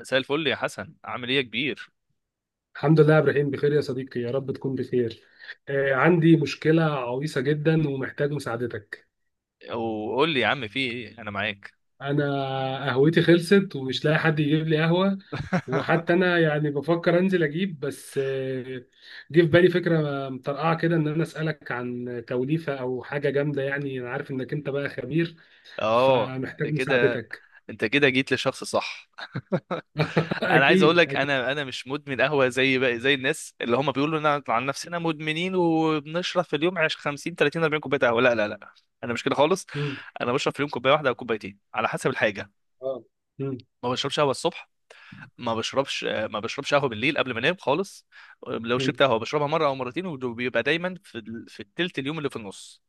مساء الفل يا حسن، عامل ايه يا كبير؟ الحمد لله يا ابراهيم، بخير يا صديقي، يا رب تكون بخير. عندي مشكلة عويصة جدا ومحتاج مساعدتك. وقول لي يا عم، في ايه؟ انا معاك. انا قهوتي خلصت ومش لاقي حد يجيب لي قهوة. وحتى انا يعني بفكر انزل اجيب، بس جه في بالي فكرة مطرقعة كده ان انا اسألك عن توليفة او حاجة جامدة، يعني انا عارف انك انت بقى خبير اه، فمحتاج انت كده مساعدتك. انت كده جيت للشخص الصح. انا عايز اقول اكيد لك، اكيد. انا مش مدمن قهوه زي الناس اللي هم بيقولوا لنا عن نفسنا مدمنين، وبنشرب في اليوم 50 30 40 كوبايه قهوه. لا لا لا، انا مش كده خالص. مم. انا بشرب في اليوم كوبايه واحده او كوبايتين على حسب الحاجه. اه. مم. ما بشربش قهوه الصبح، ما بشربش قهوه بالليل قبل ما انام خالص. لو مم. شربت قهوه بشربها مره او مرتين، وبيبقى دايما في التلت اليوم اللي في النص،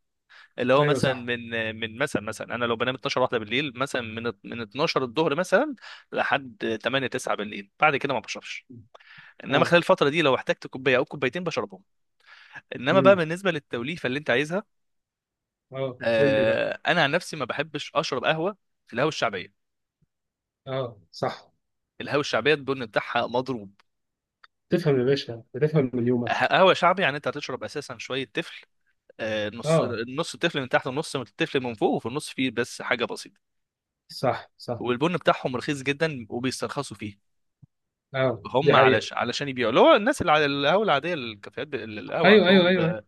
اللي هو ايوه مثلا صح. من. مثلا انا لو بنام 12 واحده بالليل، مثلا من 12 الظهر مثلا لحد 8 9 بالليل، بعد كده ما بشربش. انما اه. خلال الفتره دي لو احتجت كوبايه او كوبايتين بشربهم. انما بقى مم. بالنسبه للتوليفه اللي انت عايزها، اه، قول لي بقى. آه انا عن نفسي ما بحبش اشرب قهوه في القهوه الشعبيه. اه صح. القهوه الشعبيه البن بتاعها مضروب. تفهم يا باشا، بتفهم من يومك. قهوه شعبي يعني انت هتشرب اساسا شويه تفل. آه، اه النص التفل من تحت ونص من التفل من فوق، وفي النص فيه بس حاجه بسيطه. صح صح. والبن بتاعهم رخيص جدا وبيسترخصوا فيه. اه، دي هم حقيقة. علشان يبيعوا، اللي هو الناس اللي على القهوه العاديه الكافيهات القهوه ايوه ايوه عندهم ايوه ايوه.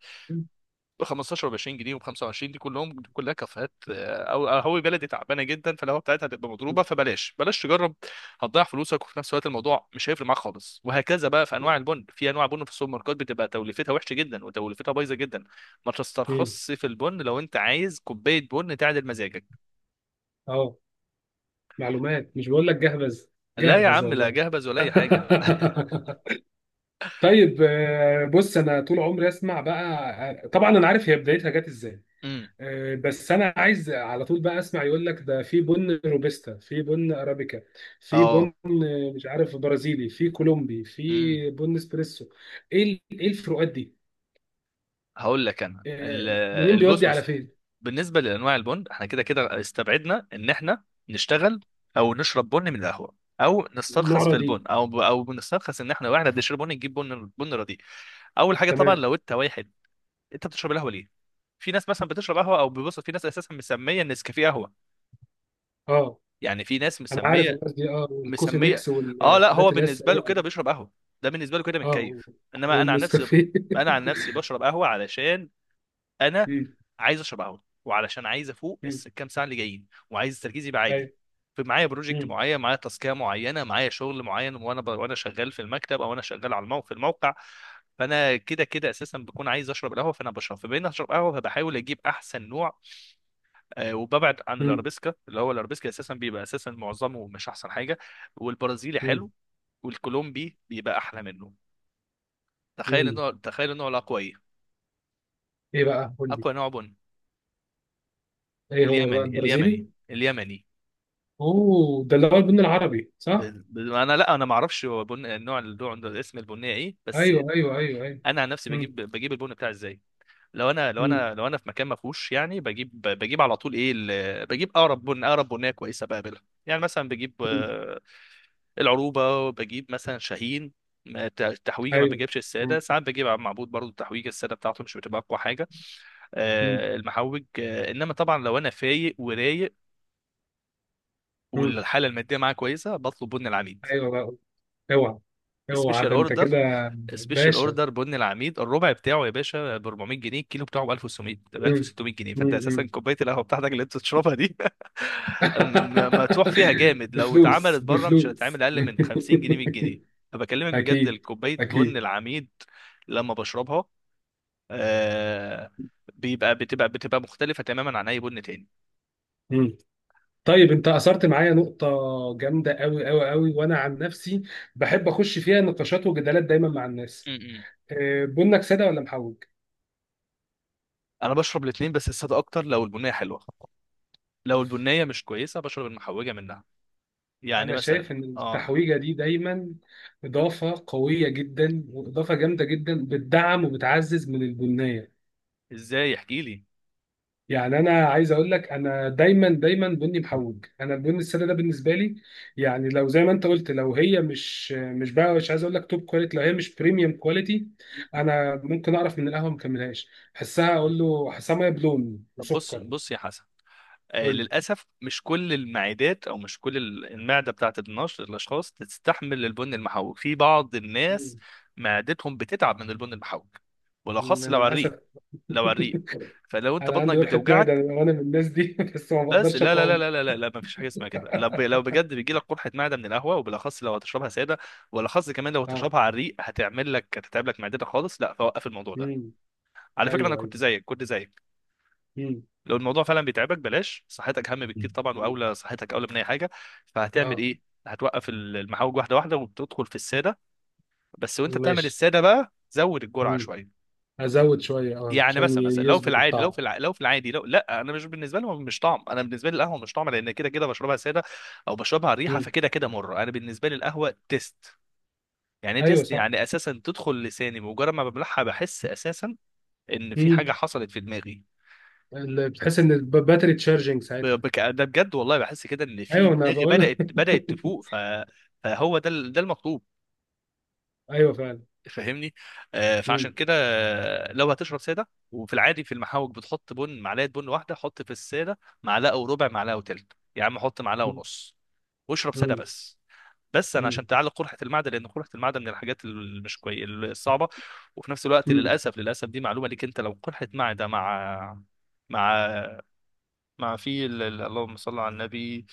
ب 15 و 20 جنيه و 25، دي كلهم كلها كافيهات. آه، او قهوه بلدي تعبانه جدا، فالقهوه بتاعتها هتبقى مضروبه، فبلاش بلاش تجرب. هتضيع فلوسك، وفي نفس الوقت الموضوع مش هيفرق معاك خالص. وهكذا بقى في انواع البن، في انواع بن في السوبر ماركت بتبقى توليفتها وحشه جدا وتوليفتها بايظه جدا. ما مم. تسترخصش في البن لو انت عايز كوبايه بن تعدل مزاجك. اه، معلومات، مش بقول لك جهبذ؟ لا يا جهبذ عم، لا والله. جهبذ ولا اي حاجه. طيب، بص انا طول عمري اسمع بقى. طبعا انا عارف هي بدايتها جت ازاي. امم. بس انا عايز على طول بقى اسمع، يقول لك ده في بن روبستا، في بن ارابيكا، في بن، اه. مش عارف، برازيلي، في كولومبي، امم. في بن اسبريسو. ايه الفروقات دي؟ هقول لك انا آه، منين بيودي على البسبوس. فين؟ بالنسبه لانواع البن، احنا كده كده استبعدنا ان احنا نشتغل او نشرب بن من القهوه، او نسترخص النعره في دي. البن، او بنسترخص ان احنا، واحنا بنشرب بن نجيب بن رديء. اول حاجه طبعا تمام. لو انت واحد، انت بتشرب القهوه ليه؟ في ناس مثلا بتشرب قهوه او بيبص، في ناس اساسا مسميه النسكافيه قهوه، اه، يعني في ناس انا عارف الناس دي، اه، والكوفي مسميه. ميكس اه، لا هو والحاجات اللي هي بالنسبه له السريعه كده دي. بيشرب قهوه، ده بالنسبه له كده اه، متكيف. انما انا عن نفسي، والنسكافيه. انا عن نفسي بشرب قهوه علشان انا مم، عايز اشبعهم، وعلشان عايز افوق مم، الكام ساعه اللي جايين، وعايز تركيزي يبقى عالي. ايوه. فمعايا بروجكت مم، معين، معايا تاسكيه معينه، معايا شغل معين، وانا شغال في المكتب او انا شغال على الموقع، في الموقع. فانا كده كده اساسا بكون عايز اشرب القهوه، فانا بشرب فبين اشرب قهوه، فبحاول اجيب احسن نوع. آه، وببعد عن مم، الارابيسكا، اللي هو الارابيسكا اساسا بيبقى اساسا معظمه مش احسن حاجه. والبرازيلي مم، حلو، والكولومبي بيبقى احلى منه. مم. تخيل النوع الاقوى ايه؟ ايه بقى، قول لي. اقوى نوع بن ايه هو بقى، اليمني، البرازيلي؟ اليمني اليمني. اوه، ده اللي هو البن العربي ب... صح؟ انا، لا انا ما اعرفش هو النوع اسم البنيه ايه بس. ايوه ايوه ايوه ايوه. انا عن نفسي مم، بجيب، البن بتاعي ازاي؟ لو انا لو مم، انا لو انا في مكان ما فيهوش يعني، بجيب على طول ايه بجيب اقرب بن، اقرب بنيه كويسه بقابلها. يعني مثلا بجيب مم، آه، العروبه، وبجيب مثلا شاهين. التحويجه، ما ايوه. بجيبش الساده. مم، ساعات بجيب عم معبود برضو، التحويجه الساده بتاعته مش بتبقى اقوى حاجه. مم، آه، المحوج. آه، انما طبعا لو انا فايق ورايق مم. والحاله الماديه معايا كويسه، بطلب بن العميد. ايوه بقى. اوعى. اوعى، سبيشال ده انت اوردر. كده باشا. بن العميد الربع بتاعه يا باشا ب 400 جنيه، الكيلو بتاعه ب 1600، ب مم، 1600 جنيه. فانت مم، اساسا كوبايه القهوه بتاعتك اللي انت بتشربها دي م- مدفوع فيها جامد. لو اتعملت بفلوس بره مش بفلوس. هتتعمل اقل من 50 جنيه، 100 جنيه. فبكلمك بجد، اكيد الكوبايه بن اكيد. العميد لما بشربها، آه بيبقى بتبقى بتبقى مختلفه تماما عن اي بن تاني. مم. طيب، انت اثرت معايا نقطه جامده قوي قوي قوي، وانا عن نفسي بحب اخش فيها نقاشات وجدالات دايما مع م- الناس. م. بنك ساده ولا محوج؟ انا بشرب الاثنين، بس الساده اكتر لو البنيه حلوه، لو أوف. البنيه مش كويسه بشرب المحوجه منها. يعني انا شايف مثلا ان اه، التحويجه دي دايما اضافه قويه جدا واضافه جامده جدا، بتدعم وبتعزز من البنيه. ازاي احكي لي؟ يعني انا عايز اقول لك، انا دايما دايما بني محوج، انا البن الساده ده بالنسبه لي، يعني لو زي ما انت قلت، لو هي مش بقى، مش عايز اقول لك توب كواليتي، لو هي مش بريميوم كواليتي، انا ممكن اعرف من القهوه ما كملهاش، احسها، اقول له احسها ميه بلون طب بص وسكر. بص يا حسن، آه يقول للاسف مش كل المعدات، او مش المعده بتاعت النشط الاشخاص تستحمل البن المحوج. في بعض لي الناس معدتهم بتتعب من البن المحوج، "مم، بالاخص لو انا على الريق. للاسف لو على الريق، فلو انت انا عندي بطنك قرحه معده بتوجعك انا، وأنا من الناس دي. بس ما بس، بقدرش لا لا لا اقاوم. لا لا لا، لا ما فيش حاجه اسمها كده. لو بجد بيجي لك قرحه معده من القهوه، وبالاخص لو هتشربها ساده، وبالاخص كمان لو اه. هتشربها على الريق، هتعمل لك هتتعب لك معدتك خالص. لا، فوقف الموضوع ده. امم. على فكره انا ايوه ايوه. كنت زيك، كنت زيك. امم. لو الموضوع فعلا بيتعبك بلاش، صحتك اهم بكتير طبعا، واولى صحتك اولى من اي حاجه. فهتعمل اه. ايه؟ هتوقف المحاوج واحده واحده، وبتدخل في الساده بس. وانت بتعمل ماشي. الساده بقى، زود الجرعه امم. شويه. ازود شويه اه، يعني عشان مثلا، لو في يظبط العادي، الطعم. لو لا، انا مش بالنسبه لي مش طعم، انا بالنسبه لي القهوه مش طعم، لان كده كده بشربها ساده او بشربها ريحه، فكده كده مره انا بالنسبه لي القهوه تيست. يعني ايوه تيست صح. يعني اساسا تدخل لساني، مجرد ما ببلعها بحس اساسا ان في حاجه امم. حصلت في دماغي. بتحس ان الباتري تشارجنج ساعتها. ده بجد والله بحس كده ان في ايوه انا دماغي بقول لك. بدأت تفوق فهو ده ده المطلوب، ايوه فعلا. فاهمني؟ آه، فعشان امم. كده، آه لو هتشرب ساده، وفي العادي في المحاوج بتحط بن معلقه بن واحده، حط في الساده معلقه وربع، معلقه وتلت يا عم، حط معلقه ونص واشرب ساده امم. بس. بس انا، امم. عشان تعالج قرحه المعده، لان قرحه المعده من الحاجات اللي مش الصعبه. وفي نفس الوقت امم. للاسف، للاسف دي معلومه ليك انت، لو قرحه معده مع، مع مع اللهم صل على النبي،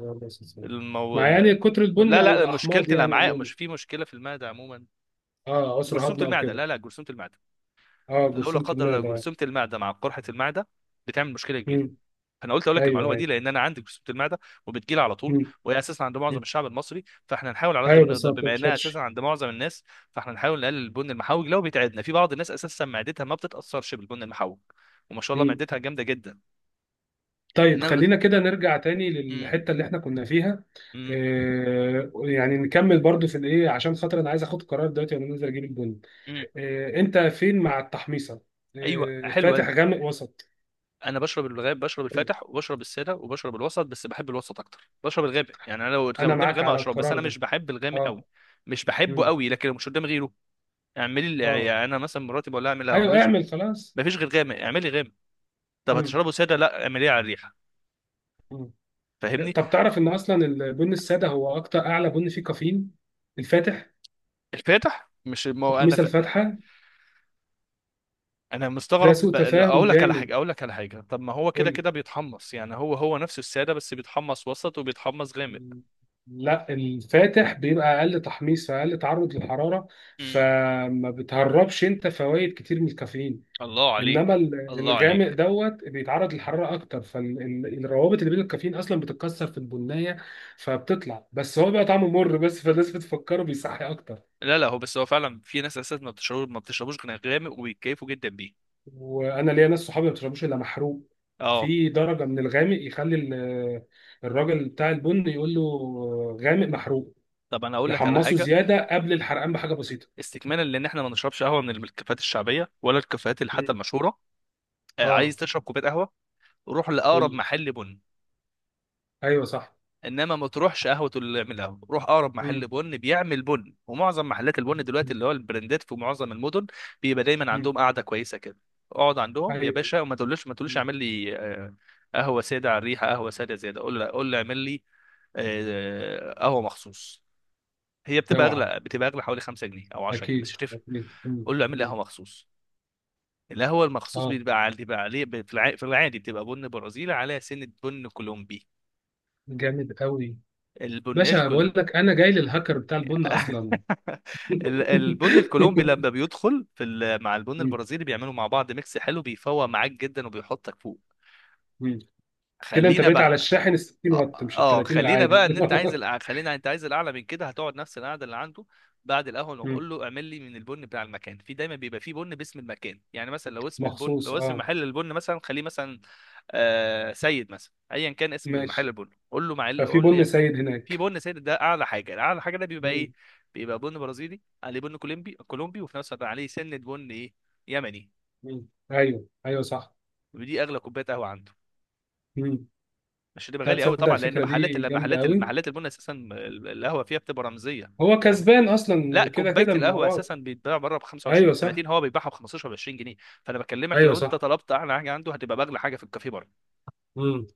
الله يسلمك. المو... مع يعني ال- كتر البن لا او لا، مشكلة الاحماض يعني الأمعاء، عموما. مش في مشكلة في المعدة عموما. اه، عسر جرثومة هضم او المعدة، كده. لا لا جرثومة المعدة، اه، لو لا جرثومه قدر الله المعده اه. جرثومة المعدة مع قرحة المعدة بتعمل مشكلة كبيرة. امم. أنا قلت أقول لك ايوه المعلومة دي ايوه. لأن أنا عندي جرثومة المعدة وبتجيلي على طول، امم. وهي أساسا عند أمم. معظم الشعب المصري، فإحنا نحاول على قد ما ايوه، بس نقدر ما بما إنها أساسا بتنشطش. عند معظم الناس. فإحنا نحاول نقلل البن المحوج لو بيتعبنا، في بعض الناس أساسا معدتها ما بتتأثرش بالبن المحوج، وما شاء الله امم. معدتها جامدة جدا. طيب إنما بس. خلينا كده نرجع تاني مم. للحته اللي احنا كنا فيها. مم. آه يعني نكمل برضو في الايه، عشان خاطر انا عايز اخد قرار دلوقتي وانا نازل اجيب البن. مم. إيه، انت فين مع التحميصه؟ أيوه إيه، حلوة. فاتح غامق وسط؟ انا بشرب الغاب، بشرب الفاتح، وبشرب الساده، وبشرب الوسط، بس بحب الوسط اكتر. بشرب الغامق يعني، انا لو انا قدامي معاك غامق على هشرب، بس القرار انا مش ده. بحب الغامق قوي، اه. مش بحبه مم. قوي. لكن لو مش قدامي غيره، اه. يعني انا مثلا مراتي بقول لها اعمل لها، ايوه مفيش اعمل خلاص. غير غامق، اعملي غامق. طب مم. هتشربه ساده؟ لا، اعمليه على الريحه، مم. فاهمني؟ طب تعرف ان اصلا البن الساده هو اكتر اعلى بن فيه كافيين؟ الفاتح. الفاتح مش، ما هو انا تحميصه الفاتحه. انا ده مستغرب. سوء تفاهم اقول لك على جامد. حاجه، طب ما هو قول كده لي. كده بيتحمص يعني، هو نفسه الساده، بس بيتحمص وسط وبيتحمص غامق. مم. لا، الفاتح بيبقى اقل تحميص، فاقل تعرض للحراره، امم. فما بتهربش انت فوائد كتير من الكافيين. الله انما عليك، الله الغامق عليك. دوت بيتعرض للحراره اكتر، فالروابط اللي بين الكافيين اصلا بتتكسر في البنيه، فبتطلع، بس هو بقى طعمه مر بس، فالناس بتفكره بيصحي اكتر. لا لا، هو فعلا في ناس اساسا ما بتشربوش غير غامق، وبيتكيفوا جدا بيه. وانا ليا ناس صحابي ما بيشربوش الا محروق. اه، في درجه من الغامق يخلي الراجل بتاع البن يقول له غامق محروق، طب انا اقول لك على يحمصه حاجه زياده قبل الحرقان بحاجه بسيطه. استكمالا، لان احنا ما نشربش قهوه من الكافيهات الشعبيه، ولا الكافيهات اللي حتى مم. المشهوره. آه، عايز اه. تشرب كوبايه قهوه، روح يقول لاقرب لي. محل بن. ايوه صح. انما ما تروحش قهوه اللي يعملها، روح اقرب مم. محل بن بيعمل بن. ومعظم محلات البن دلوقتي اللي هو البراندات، في معظم المدن بيبقى دايما مم. عندهم قاعده كويسه كده. اقعد عندهم يا ايوه. باشا، وما تقولش، ما تقولش مم. اعمل لي آه، قهوه ساده على الريحه، قهوه ساده زياده. قول له، اعمل لي آه، قهوه مخصوص. هي بتبقى اوعى. اغلى، حوالي 5 جنيه او 10 جنيه، بس مش اكيد هتفرق. اكيد. مم. قول له اعمل لي مم. قهوه مخصوص. القهوه المخصوص اه، بيبقى عليه، في العادي بتبقى بن برازيلي على سنه بن كولومبي. جامد قوي. البن باشا بقول الكل. لك انا جاي للهاكر بتاع البن اصلا. البن الكولومبي لما بيدخل مع البن مم. البرازيلي، بيعملوا مع بعض ميكس حلو بيفوق معاك جدا وبيحطك فوق. مم. كده انت خلينا بقيت على بقى، الشاحن ال 60 اه. واط مش ال آه، 30 خلينا العادي. بقى، ان انت عايز خلينا، انت عايز الاعلى من كده، هتقعد نفس القعده اللي عنده. بعد القهوه مم. نقول له اعمل لي من البن بتاع المكان، في دايما بيبقى في بن باسم المكان. يعني مثلا مخصوص لو اسم اه. محل البن مثلا، خليه مثلا آه سيد مثلا، ايا كان اسم المحل ماشي. البن، قول له معل ففي قول لي بن اعمل، سيد في هناك. بن سيد ده. اعلى حاجه، ده بيبقى ايه؟ مم. بيبقى بن برازيلي عليه بن كولومبي وفي نفس الوقت عليه سنه بن ايه؟ يمني. مم. ايوه ايوه صح. ودي اغلى كوبايه قهوه عنده، مم. مش هتبقى لا غالي قوي تصدق، طبعا، لان الفكره محلات، دي جامده قوي. المحلات البن اساسا القهوه فيها بتبقى رمزيه. هو يعني، كسبان اصلا لا وكده كوبايه كده من القهوه وراك. اساسا بيتباع بره ب 25 ايوه و صح. 30، هو بيبيعها ب 15 و 20 جنيه. فانا بكلمك ايوه لو انت صح. طلبت اعلى حاجه عنده، هتبقى باغلى حاجه في الكافيه بره، مم.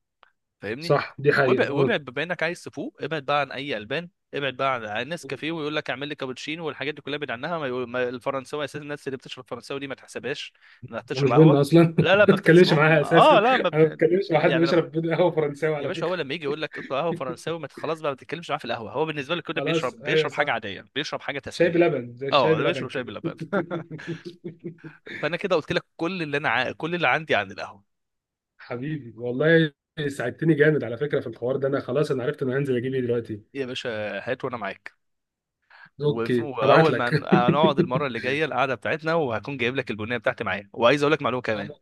فاهمني؟ صح، دي حقيقه. وابعد، وابعد بما انك عايز تفوق. ابعد بقى عن اي البان، ابعد بقى عن ناس آه. كافيه ويقول لك اعمل لي كابتشينو والحاجات دي كلها، ابعد عنها. ما الفرنساوي اساسا، الناس اللي بتشرب فرنساوي دي ما تحسبهاش انها انا بتشرب مش بن قهوه. اصلا. ما لا لا، ما بتكلمش معاها بتحسبهم. اه، اساسا. لا ما انا ما بت... بتكلمش مع حد يعني بيشرب بن قهوه فرنساوي يا على باشا، هو فكره. لما يجي يقول لك اطلع قهوه فرنساوي، ما ت- خلاص بقى، ما تتكلمش معاه في القهوه. هو بالنسبه لك كده خلاص، بيشرب، ايوه حاجه صح. عاديه، بيشرب حاجه شاي تسليه. بلبن، زي الشاي اه، بلبن بيشرب شاي كده. بلبن. فانا كده قلت لك كل اللي انا كل اللي عندي عن القهوه. حبيبي والله، ساعدتني جامد على فكره في الحوار ده، انا خلاص انا عرفت انا هنزل اجيب ايه دلوقتي. يا باشا، هات وانا معاك. اوكي هبعت واول ما لك. هنقعد المره اللي جايه القعده بتاعتنا، وهكون جايب لك البنيه بتاعتي معايا، وعايز اقول لك معلومه كمان.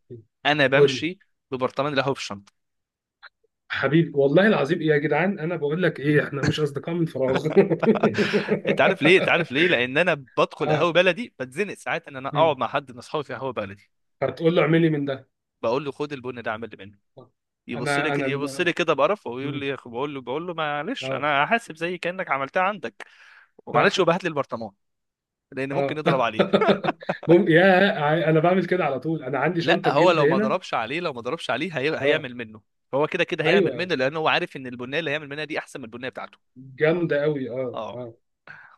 انا قول لي. بمشي ببرطمان القهوه في الشنطه. حبيبي والله العظيم، إيه يا جدعان، انا بقول لك ايه، احنا مش اصدقاء من فراغ. انت عارف ليه؟ لان انا بدخل اه. قهوه بلدي، بتزنق ساعات ان انا اقعد مم. مع حد من اصحابي في قهوه بلدي. هتقول له اعملي من ده. بقول له خد البن ده اعمل لي منه. يبص لي انا انا يبص لي كده بقرفه، ويقول مم. لي، بقول له، معلش اه. انا هحاسب زي كانك عملتها عندك، ومعلش، صح. وبهات لي البرطمان لان ممكن اه. يضرب عليه. يا ع-، انا بعمل كده على طول، انا عندي لا شنطه هو جلد لو ما هنا. ضربش عليه، اه. هيعمل منه. هو كده كده هيعمل ايوه، منه، لان هو عارف ان البنيه اللي هيعمل منها دي احسن من البنيه بتاعته. جامده قوي، اه اه. اه.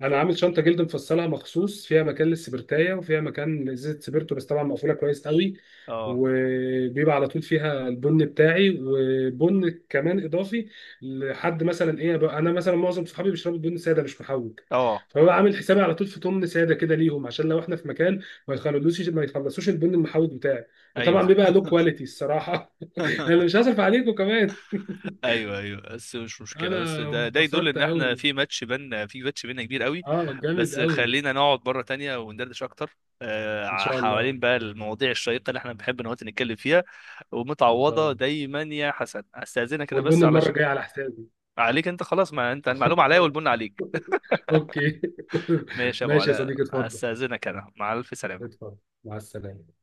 انا عامل شنطه جلد مفصله مخصوص، فيها مكان للسبرتايه وفيها مكان لازازه سبرتو، بس طبعا مقفوله كويس قوي. اه. وبيبقى على طول فيها البن بتاعي وبن كمان اضافي. لحد مثلا ايه بقى، انا مثلا معظم صحابي بيشربوا بن ساده مش محوج، اه. فببقى عامل حسابي على طول في تمن ساده كده ليهم، عشان لو احنا في مكان ما يخلصوش ما يخلصوش البن المحوج بتاعي. وطبعا ايوه. بيبقى له كواليتي الصراحه. انا مش هصرف عليكم كمان. ايوه ايوه، بس مش مشكله، انا بس ده، يدل انبسطت ان احنا قوي، في ماتش بينا، كبير قوي. اه جامد بس قوي. خلينا نقعد مره تانية وندردش اكتر، ان آه شاء الله. حوالين بقى المواضيع الشيقه اللي احنا بنحب نقعد نتكلم فيها. ان شاء ومتعوضه الله. دايما يا حسن، استاذنك انا والبن بس المره علشان الجايه على حسابي. عليك انت خلاص، ما انت المعلومه عليا آه. والبن عليك. اوكي. ماشي يا ابو ماشي يا علاء، صديقي، اتفضل. استاذنك، انا مع الف سلامه. اتفضل. مع السلامه.